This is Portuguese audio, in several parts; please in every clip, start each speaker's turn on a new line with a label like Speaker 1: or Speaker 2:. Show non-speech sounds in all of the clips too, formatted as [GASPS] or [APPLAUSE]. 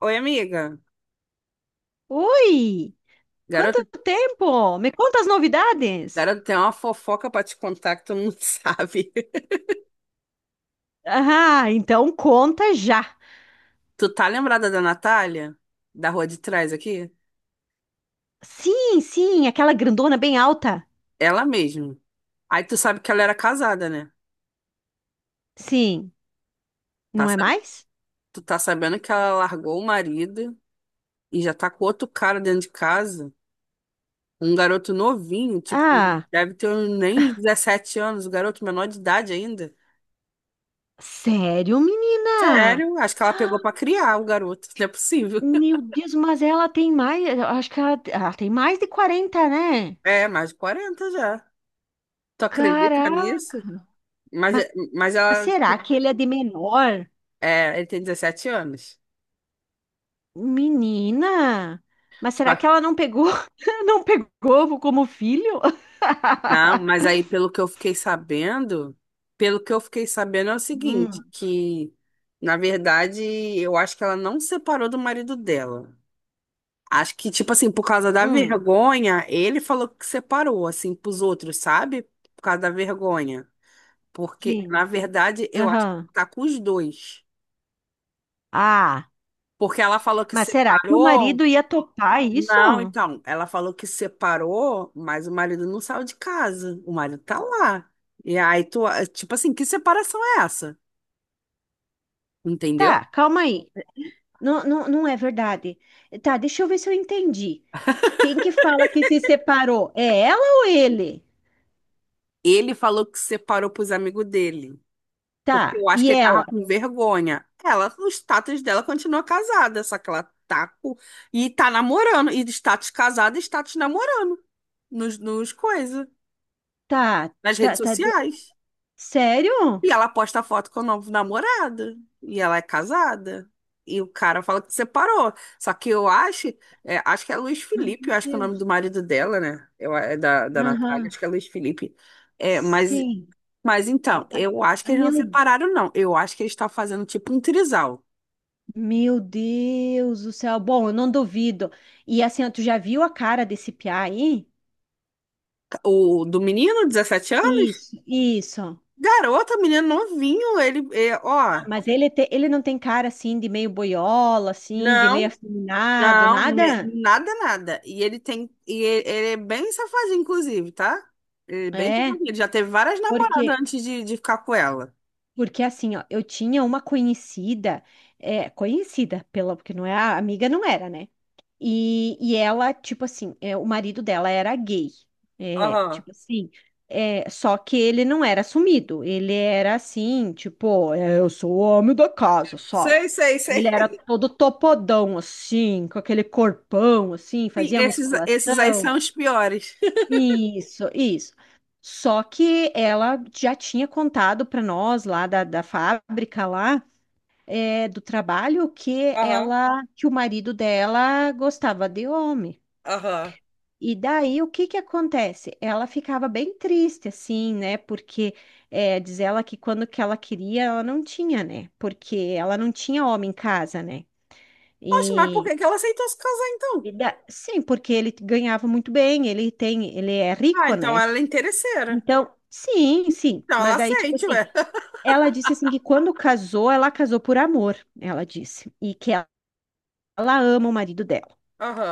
Speaker 1: Oi, amiga.
Speaker 2: Oi!
Speaker 1: Garota,
Speaker 2: Quanto tempo? Me conta as novidades?
Speaker 1: garota, tem uma fofoca pra te contar que tu não [LAUGHS] sabe.
Speaker 2: Ah, então conta já.
Speaker 1: Tu tá lembrada da Natália? Da rua de trás aqui?
Speaker 2: Sim, sim, aquela grandona bem alta.
Speaker 1: Ela mesmo. Aí tu sabe que ela era casada, né?
Speaker 2: Sim,
Speaker 1: Tá
Speaker 2: não é
Speaker 1: sab-
Speaker 2: mais?
Speaker 1: Tu tá sabendo que ela largou o marido e já tá com outro cara dentro de casa. Um garoto novinho, tipo,
Speaker 2: Ah,
Speaker 1: deve ter nem 17 anos, o garoto menor de idade ainda.
Speaker 2: sério, menina?
Speaker 1: Sério, acho que ela pegou pra criar o garoto, [LAUGHS] não é possível. [LAUGHS]
Speaker 2: Meu Deus, mas ela tem mais, eu acho que ela tem mais de 40, né?
Speaker 1: É, mais de 40 já. Tu acredita nisso?
Speaker 2: Caraca!
Speaker 1: Mas,
Speaker 2: Mas
Speaker 1: mas ela,
Speaker 2: será que ele é de menor?
Speaker 1: é, ele tem 17 anos.
Speaker 2: Menina! Mas
Speaker 1: Só
Speaker 2: será que
Speaker 1: que-
Speaker 2: ela não pegou, [LAUGHS] não pegou como filho?
Speaker 1: não, mas
Speaker 2: [LAUGHS]
Speaker 1: aí pelo que eu fiquei sabendo, pelo que eu fiquei sabendo é o seguinte,
Speaker 2: Hum.
Speaker 1: que na verdade eu acho que ela não separou do marido dela. Acho que, tipo assim, por causa da
Speaker 2: Hum,
Speaker 1: vergonha, ele falou que separou, assim, pros outros, sabe? Por causa da vergonha. Porque, na
Speaker 2: sim.
Speaker 1: verdade, eu acho que
Speaker 2: Aham.
Speaker 1: tá com os dois.
Speaker 2: Ah,
Speaker 1: Porque ela falou que
Speaker 2: mas será que o
Speaker 1: separou.
Speaker 2: marido ia topar isso?
Speaker 1: Não, então, ela falou que separou, mas o marido não saiu de casa. O marido tá lá. E aí tu, tipo assim, que separação é essa? Entendeu?
Speaker 2: Tá, calma aí. Não, não, não é verdade. Tá, deixa eu ver se eu entendi. Quem que fala que se separou? É ela ou ele?
Speaker 1: Ele falou que separou pros amigos dele, porque
Speaker 2: Tá,
Speaker 1: eu acho
Speaker 2: e
Speaker 1: que ele tava
Speaker 2: ela?
Speaker 1: com vergonha. Ela, o status dela continua casada, só que ela tá e tá namorando, e de status casada, e status namorando nos coisas,
Speaker 2: Tá,
Speaker 1: nas redes
Speaker 2: tá, tá.
Speaker 1: sociais.
Speaker 2: Sério?
Speaker 1: E ela posta foto com o novo namorado. E ela é casada. E o cara fala que separou. Só que eu acho, é, acho que é Luiz
Speaker 2: Ai,
Speaker 1: Felipe,
Speaker 2: meu
Speaker 1: eu acho que é o nome do
Speaker 2: Deus.
Speaker 1: marido dela, né? Eu, é da Natália,
Speaker 2: Aham,
Speaker 1: acho que é Luiz Felipe. É,
Speaker 2: sim.
Speaker 1: mas então, eu acho que
Speaker 2: Ah,
Speaker 1: eles não
Speaker 2: Meu,
Speaker 1: separaram, não. Eu acho que eles estão fazendo tipo um trisal.
Speaker 2: meu Deus do céu. Bom, eu não duvido. E assim, ó, tu já viu a cara desse piá aí?
Speaker 1: O do menino, 17 anos?
Speaker 2: Isso, isso.
Speaker 1: Garota, menino novinho, ele, é, ó.
Speaker 2: Ah, mas ele não tem cara assim de meio boiola, assim, de meio
Speaker 1: Não,
Speaker 2: afeminado, nada?
Speaker 1: Nada, nada. E ele tem. E ele é bem safadinho, inclusive, tá? Ele é bem
Speaker 2: É,
Speaker 1: safadinho. Ele já teve várias namoradas
Speaker 2: porque,
Speaker 1: antes de ficar com ela.
Speaker 2: porque assim, ó, eu tinha uma conhecida, é, conhecida, pela, porque não é, a amiga não era, né? E ela, tipo assim, é, o marido dela era gay. É,
Speaker 1: Aham.
Speaker 2: tipo assim, é, só que ele não era assumido. Ele era assim, tipo, é, eu sou o homem da casa, sabe?
Speaker 1: Sei, sei,
Speaker 2: Ele
Speaker 1: sei.
Speaker 2: era todo topodão, assim, com aquele corpão, assim,
Speaker 1: [LAUGHS] Sim,
Speaker 2: fazia
Speaker 1: esses aí são
Speaker 2: musculação.
Speaker 1: os piores.
Speaker 2: Isso, isso. Só que ela já tinha contado para nós lá da fábrica lá é, do trabalho que
Speaker 1: Aham,
Speaker 2: ela que o marido dela gostava de homem.
Speaker 1: aham.
Speaker 2: E daí o que que acontece? Ela ficava bem triste, assim, né? Porque é, diz ela que quando que ela queria, ela não tinha, né? Porque ela não tinha homem em casa, né?
Speaker 1: Poxa, mas por
Speaker 2: E,
Speaker 1: que que ela aceitou se casar então?
Speaker 2: e sim, porque ele ganhava muito bem, ele tem, ele é
Speaker 1: Ah,
Speaker 2: rico,
Speaker 1: então
Speaker 2: né?
Speaker 1: ela é interesseira.
Speaker 2: Então, sim, sim.
Speaker 1: Então ela
Speaker 2: Mas aí, tipo
Speaker 1: aceite,
Speaker 2: assim,
Speaker 1: ué. [LAUGHS]
Speaker 2: ela disse assim que quando casou, ela casou por amor, ela disse, e que ela ama o marido dela.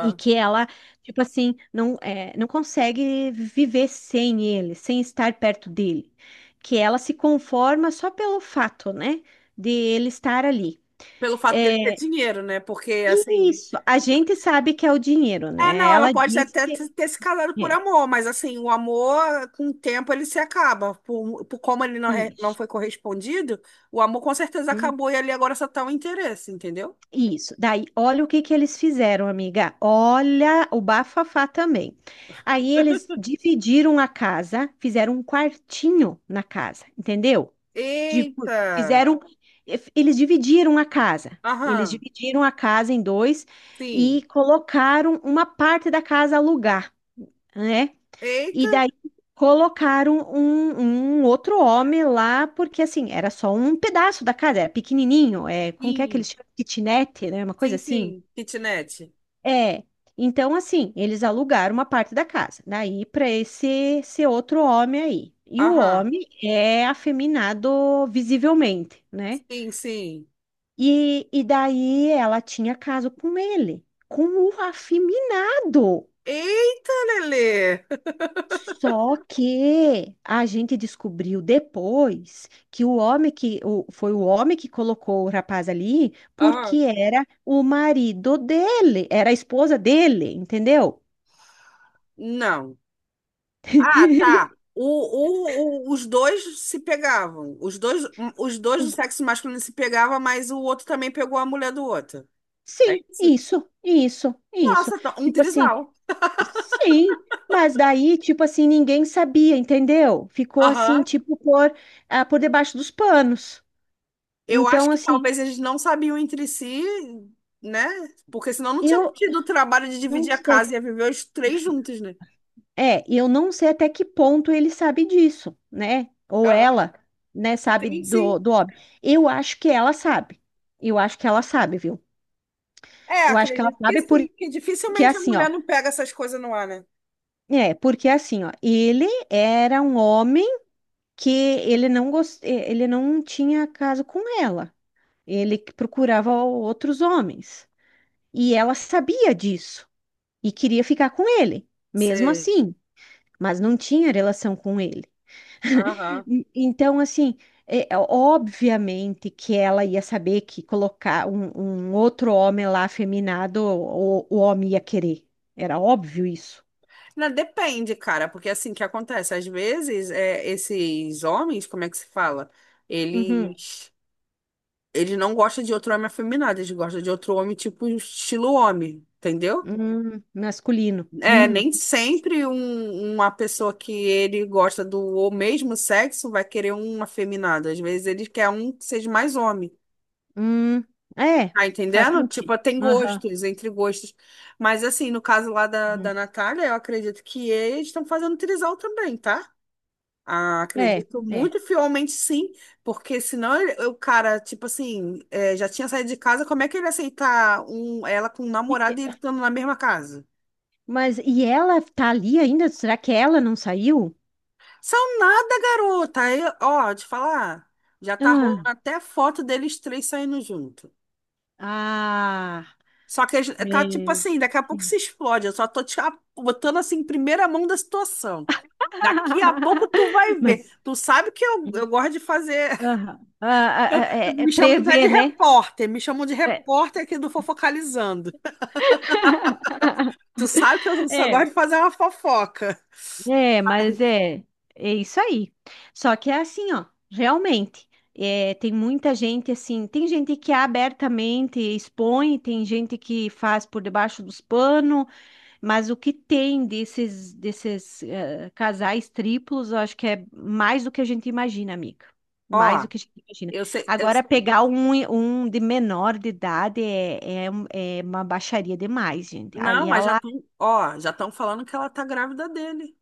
Speaker 2: E que ela, tipo assim, não, é, não consegue viver sem ele, sem estar perto dele. Que ela se conforma só pelo fato, né, de ele estar ali.
Speaker 1: Pelo fato dele ter
Speaker 2: É,
Speaker 1: dinheiro, né? Porque
Speaker 2: e
Speaker 1: assim.
Speaker 2: isso, a gente sabe que é o dinheiro,
Speaker 1: É,
Speaker 2: né?
Speaker 1: não, ela
Speaker 2: Ela
Speaker 1: pode
Speaker 2: diz
Speaker 1: até
Speaker 2: que
Speaker 1: ter se casado por
Speaker 2: é
Speaker 1: amor, mas assim, o amor, com o tempo, ele se acaba. Por como ele não, não
Speaker 2: isso.
Speaker 1: foi correspondido, o amor com certeza
Speaker 2: Hum,
Speaker 1: acabou e ali agora só tá o interesse, entendeu?
Speaker 2: isso. Daí, olha o que que eles fizeram, amiga. Olha o bafafá também. Aí eles dividiram a casa, fizeram um quartinho na casa, entendeu? de-
Speaker 1: Eita!
Speaker 2: fizeram, Eles dividiram a casa. Eles
Speaker 1: Aham,
Speaker 2: dividiram a casa em dois
Speaker 1: sim.
Speaker 2: e colocaram uma parte da casa a alugar, né? E
Speaker 1: Eita!
Speaker 2: daí colocaram um outro homem lá, porque assim, era só um pedaço da casa, era pequenininho, é, como que é que
Speaker 1: Sim,
Speaker 2: eles chamam? Kitnet, né? Uma coisa
Speaker 1: sim,
Speaker 2: assim.
Speaker 1: sim. Kitnet.
Speaker 2: É. Então, assim, eles alugaram uma parte da casa, daí para esse outro homem aí. E o
Speaker 1: Aham,
Speaker 2: homem é afeminado visivelmente, né?
Speaker 1: sim, sim.
Speaker 2: E daí ela tinha caso com ele, com o afeminado.
Speaker 1: Eita, Lelê!
Speaker 2: Só que a gente descobriu depois que o homem foi o homem que colocou o rapaz ali, porque
Speaker 1: Aham,
Speaker 2: era o marido dele, era a esposa dele, entendeu?
Speaker 1: não. Ah, tá.
Speaker 2: [LAUGHS]
Speaker 1: Os dois se pegavam. Os dois do
Speaker 2: Os-
Speaker 1: sexo masculino se pegavam, mas o outro também pegou a mulher do outro. É
Speaker 2: Sim,
Speaker 1: isso?
Speaker 2: isso, isso, isso.
Speaker 1: Nossa, um
Speaker 2: Tipo assim,
Speaker 1: trisal.
Speaker 2: sim, mas daí, tipo assim, ninguém sabia, entendeu? Ficou assim,
Speaker 1: Aham.
Speaker 2: tipo, por debaixo dos panos.
Speaker 1: Eu acho
Speaker 2: Então,
Speaker 1: que
Speaker 2: assim,
Speaker 1: talvez eles não sabiam entre si, né? Porque senão não tinha
Speaker 2: eu
Speaker 1: tido o trabalho de
Speaker 2: não
Speaker 1: dividir a
Speaker 2: sei.
Speaker 1: casa e ia viver os três juntos, né?
Speaker 2: É, eu não sei até que ponto ele sabe disso, né? Ou
Speaker 1: Aham.
Speaker 2: ela, né, sabe
Speaker 1: Sim, sim.
Speaker 2: do óbvio. Eu acho que ela sabe. Eu acho que ela sabe, viu?
Speaker 1: É,
Speaker 2: Eu acho que ela
Speaker 1: acredito que
Speaker 2: sabe
Speaker 1: sim, que
Speaker 2: porque
Speaker 1: dificilmente a
Speaker 2: assim, ó.
Speaker 1: mulher não pega essas coisas no ar, né?
Speaker 2: É, porque assim, ó, ele era um homem que ele não tinha caso com ela. Ele que procurava outros homens. E ela sabia disso e queria ficar com ele, mesmo
Speaker 1: Sei.
Speaker 2: assim, mas não tinha relação com ele.
Speaker 1: Aham.
Speaker 2: Então, assim, é, obviamente que ela ia saber que colocar um outro homem lá afeminado, o homem ia querer. Era óbvio isso.
Speaker 1: Não, depende, cara, porque assim, que acontece? Às vezes, é, esses homens, como é que se fala?
Speaker 2: Uhum.
Speaker 1: Eles, eles não gostam de outro homem afeminado, eles gostam de outro homem tipo estilo homem, entendeu?
Speaker 2: Masculino.
Speaker 1: É,
Speaker 2: Uhum.
Speaker 1: nem sempre uma pessoa que ele gosta do o mesmo sexo vai querer um afeminado. Às vezes ele quer um que seja mais homem.
Speaker 2: Hum, é,
Speaker 1: Tá
Speaker 2: faz
Speaker 1: entendendo? Tipo,
Speaker 2: sentido.
Speaker 1: tem
Speaker 2: Aham.
Speaker 1: gostos, entre gostos. Mas assim, no caso lá da
Speaker 2: Uhum.
Speaker 1: Natália, eu acredito que eles estão fazendo trisal também, tá? Ah,
Speaker 2: É,
Speaker 1: acredito
Speaker 2: é.
Speaker 1: muito fielmente sim, porque senão o cara, tipo assim, é, já tinha saído de casa, como é que ele ia aceitar um, ela com um namorado e ele estando na mesma casa?
Speaker 2: Mas e ela tá ali ainda? Será que ela não saiu?
Speaker 1: São nada, garota. Aí, ó, te falar, já tá rolando
Speaker 2: Ah,
Speaker 1: até foto deles três saindo junto.
Speaker 2: ah,
Speaker 1: Só que tá tipo
Speaker 2: meu.
Speaker 1: assim, daqui a pouco se
Speaker 2: Sim.
Speaker 1: explode. Eu só tô te botando assim em primeira mão da situação. Daqui a pouco tu vai
Speaker 2: [LAUGHS]
Speaker 1: ver.
Speaker 2: mas
Speaker 1: Tu sabe que eu gosto de fazer.
Speaker 2: aham, ah, ah, ah, é
Speaker 1: Me chamam até de
Speaker 2: prever, né?
Speaker 1: repórter, me chamam de
Speaker 2: É,
Speaker 1: repórter aqui do Fofocalizando.
Speaker 2: [LAUGHS]
Speaker 1: Tu sabe que eu só
Speaker 2: É,
Speaker 1: gosto de fazer uma fofoca.
Speaker 2: é,
Speaker 1: Ai,
Speaker 2: mas é isso aí. Só que é assim, ó, realmente. É, tem muita gente assim, tem gente que abertamente expõe, tem gente que faz por debaixo dos panos. Mas o que tem desses casais triplos, eu acho que é mais do que a gente imagina, amiga. Mais do
Speaker 1: Ó,
Speaker 2: que a gente imagina.
Speaker 1: eu
Speaker 2: Agora,
Speaker 1: sei-
Speaker 2: pegar um de menor de idade é uma baixaria demais, gente. Aí
Speaker 1: não, mas já
Speaker 2: ela,
Speaker 1: estão, ó, já estão falando que ela tá grávida dele,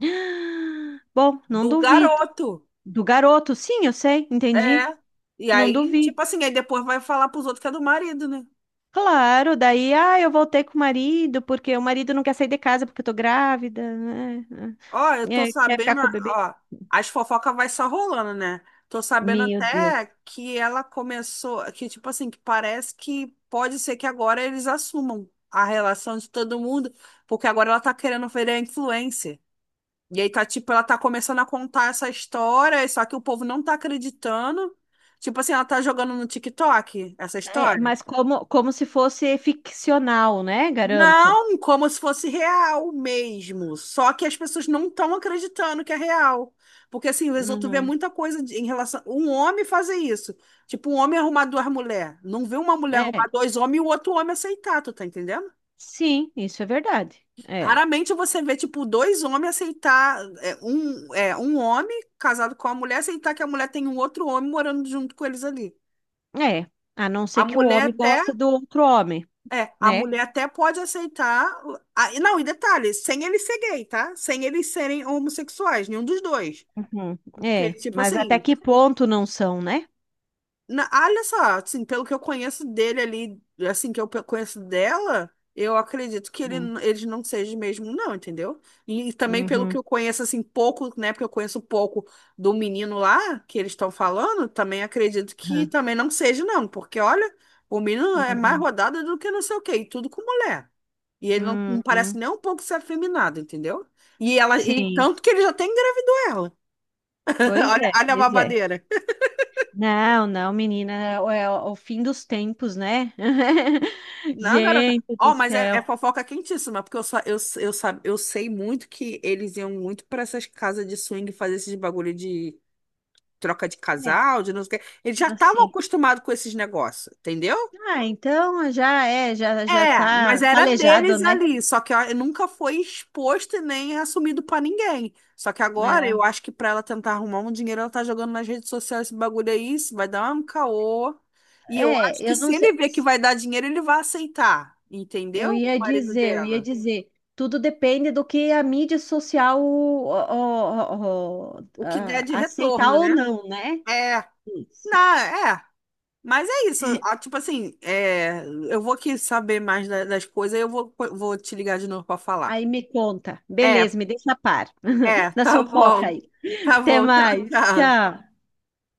Speaker 2: [GASPS] bom, não
Speaker 1: do
Speaker 2: duvido.
Speaker 1: garoto.
Speaker 2: Do garoto, sim, eu sei, entendi.
Speaker 1: É. E
Speaker 2: Não
Speaker 1: aí,
Speaker 2: duvido.
Speaker 1: tipo assim, aí depois vai falar pros outros que é do marido, né?
Speaker 2: Claro, daí, ah, eu voltei com o marido, porque o marido não quer sair de casa porque eu tô grávida, né?
Speaker 1: Ó, eu tô
Speaker 2: É, quer ficar
Speaker 1: sabendo,
Speaker 2: com o bebê.
Speaker 1: ó, as fofocas vai só rolando, né? Tô sabendo
Speaker 2: Meu
Speaker 1: até
Speaker 2: Deus.
Speaker 1: que ela começou, que tipo assim, que parece que pode ser que agora eles assumam a relação de todo mundo, porque agora ela tá querendo virar influencer. E aí tá tipo, ela tá começando a contar essa história, só que o povo não tá acreditando. Tipo assim, ela tá jogando no TikTok essa
Speaker 2: É,
Speaker 1: história.
Speaker 2: mas como se fosse ficcional, né? Garanto.
Speaker 1: Não, como se fosse real mesmo. Só que as pessoas não estão acreditando que é real. Porque assim, o vezes vê
Speaker 2: Uhum.
Speaker 1: muita coisa em relação. Um homem fazer isso. Tipo, um homem arrumar duas mulheres. Não vê uma mulher arrumar
Speaker 2: É,
Speaker 1: dois homens e o outro homem aceitar, tu tá entendendo?
Speaker 2: sim, isso é verdade. É,
Speaker 1: Raramente você vê, tipo, dois homens aceitar. É, um, é, um homem casado com a mulher aceitar que a mulher tem um outro homem morando junto com eles ali.
Speaker 2: é. A não
Speaker 1: A
Speaker 2: ser que o
Speaker 1: mulher
Speaker 2: homem
Speaker 1: até
Speaker 2: goste do outro homem,
Speaker 1: É, a
Speaker 2: né?
Speaker 1: mulher até pode aceitar. Ah, e não, e detalhe, sem eles ser gay, tá? Sem eles serem homossexuais, nenhum dos dois.
Speaker 2: Uhum.
Speaker 1: Porque,
Speaker 2: É,
Speaker 1: tipo
Speaker 2: mas até
Speaker 1: assim,
Speaker 2: que ponto não são, né?
Speaker 1: ah, olha só, assim, pelo que eu conheço dele ali, assim, que eu conheço dela, eu acredito que ele,
Speaker 2: Uhum.
Speaker 1: eles não sejam mesmo, não, entendeu? E também pelo que
Speaker 2: Uhum.
Speaker 1: eu conheço, assim, pouco, né, porque eu conheço pouco do menino lá, que eles estão falando, também acredito que
Speaker 2: Uhum.
Speaker 1: também não seja, não, porque olha, o menino é mais
Speaker 2: Uhum.
Speaker 1: rodado do que não sei o quê, e tudo com mulher. E ele não, não parece
Speaker 2: Uhum.
Speaker 1: nem um pouco ser afeminado, entendeu? E
Speaker 2: Sim,
Speaker 1: tanto que ele já até engravidou ela. [LAUGHS]
Speaker 2: pois
Speaker 1: Olha,
Speaker 2: é,
Speaker 1: olha a
Speaker 2: pois é.
Speaker 1: babadeira.
Speaker 2: Não, não, menina, é o fim dos tempos, né? [LAUGHS]
Speaker 1: Não, garota.
Speaker 2: Gente do
Speaker 1: Ó, mas é, é
Speaker 2: céu.
Speaker 1: fofoca quentíssima, porque sa- eu sei muito que eles iam muito pra essas casas de swing fazer esses bagulho de troca de
Speaker 2: É,
Speaker 1: casal, de não sei o quê. Eles já estavam
Speaker 2: assim.
Speaker 1: acostumados com esses negócios, entendeu?
Speaker 2: Ah, então já já
Speaker 1: É,
Speaker 2: tá
Speaker 1: mas era
Speaker 2: calejado,
Speaker 1: deles
Speaker 2: né?
Speaker 1: ali, só que ó, nunca foi exposto e nem assumido pra ninguém. Só que agora eu acho que pra ela tentar arrumar um dinheiro, ela tá jogando nas redes sociais esse bagulho aí, isso vai dar um caô. E eu
Speaker 2: É,
Speaker 1: acho
Speaker 2: é,
Speaker 1: que
Speaker 2: eu
Speaker 1: se
Speaker 2: não sei,
Speaker 1: ele ver que vai dar dinheiro, ele vai aceitar,
Speaker 2: eu
Speaker 1: entendeu? O
Speaker 2: ia
Speaker 1: marido
Speaker 2: dizer, eu ia
Speaker 1: dela.
Speaker 2: dizer, tudo depende do que a mídia social ó, ó, ó,
Speaker 1: O que der
Speaker 2: ah,
Speaker 1: de
Speaker 2: aceitar
Speaker 1: retorno,
Speaker 2: ou
Speaker 1: né?
Speaker 2: não, né?
Speaker 1: É,
Speaker 2: Isso.
Speaker 1: não, é. Mas é isso,
Speaker 2: [LAUGHS]
Speaker 1: ah, tipo assim, é, eu vou aqui saber mais das coisas e eu vou, vou te ligar de novo pra falar.
Speaker 2: Aí me conta.
Speaker 1: É.
Speaker 2: Beleza, me deixa a par
Speaker 1: É,
Speaker 2: [LAUGHS] da
Speaker 1: tá
Speaker 2: fofoca
Speaker 1: bom.
Speaker 2: aí.
Speaker 1: Tá
Speaker 2: Até
Speaker 1: bom, tchau,
Speaker 2: mais.
Speaker 1: tchau.
Speaker 2: Tchau.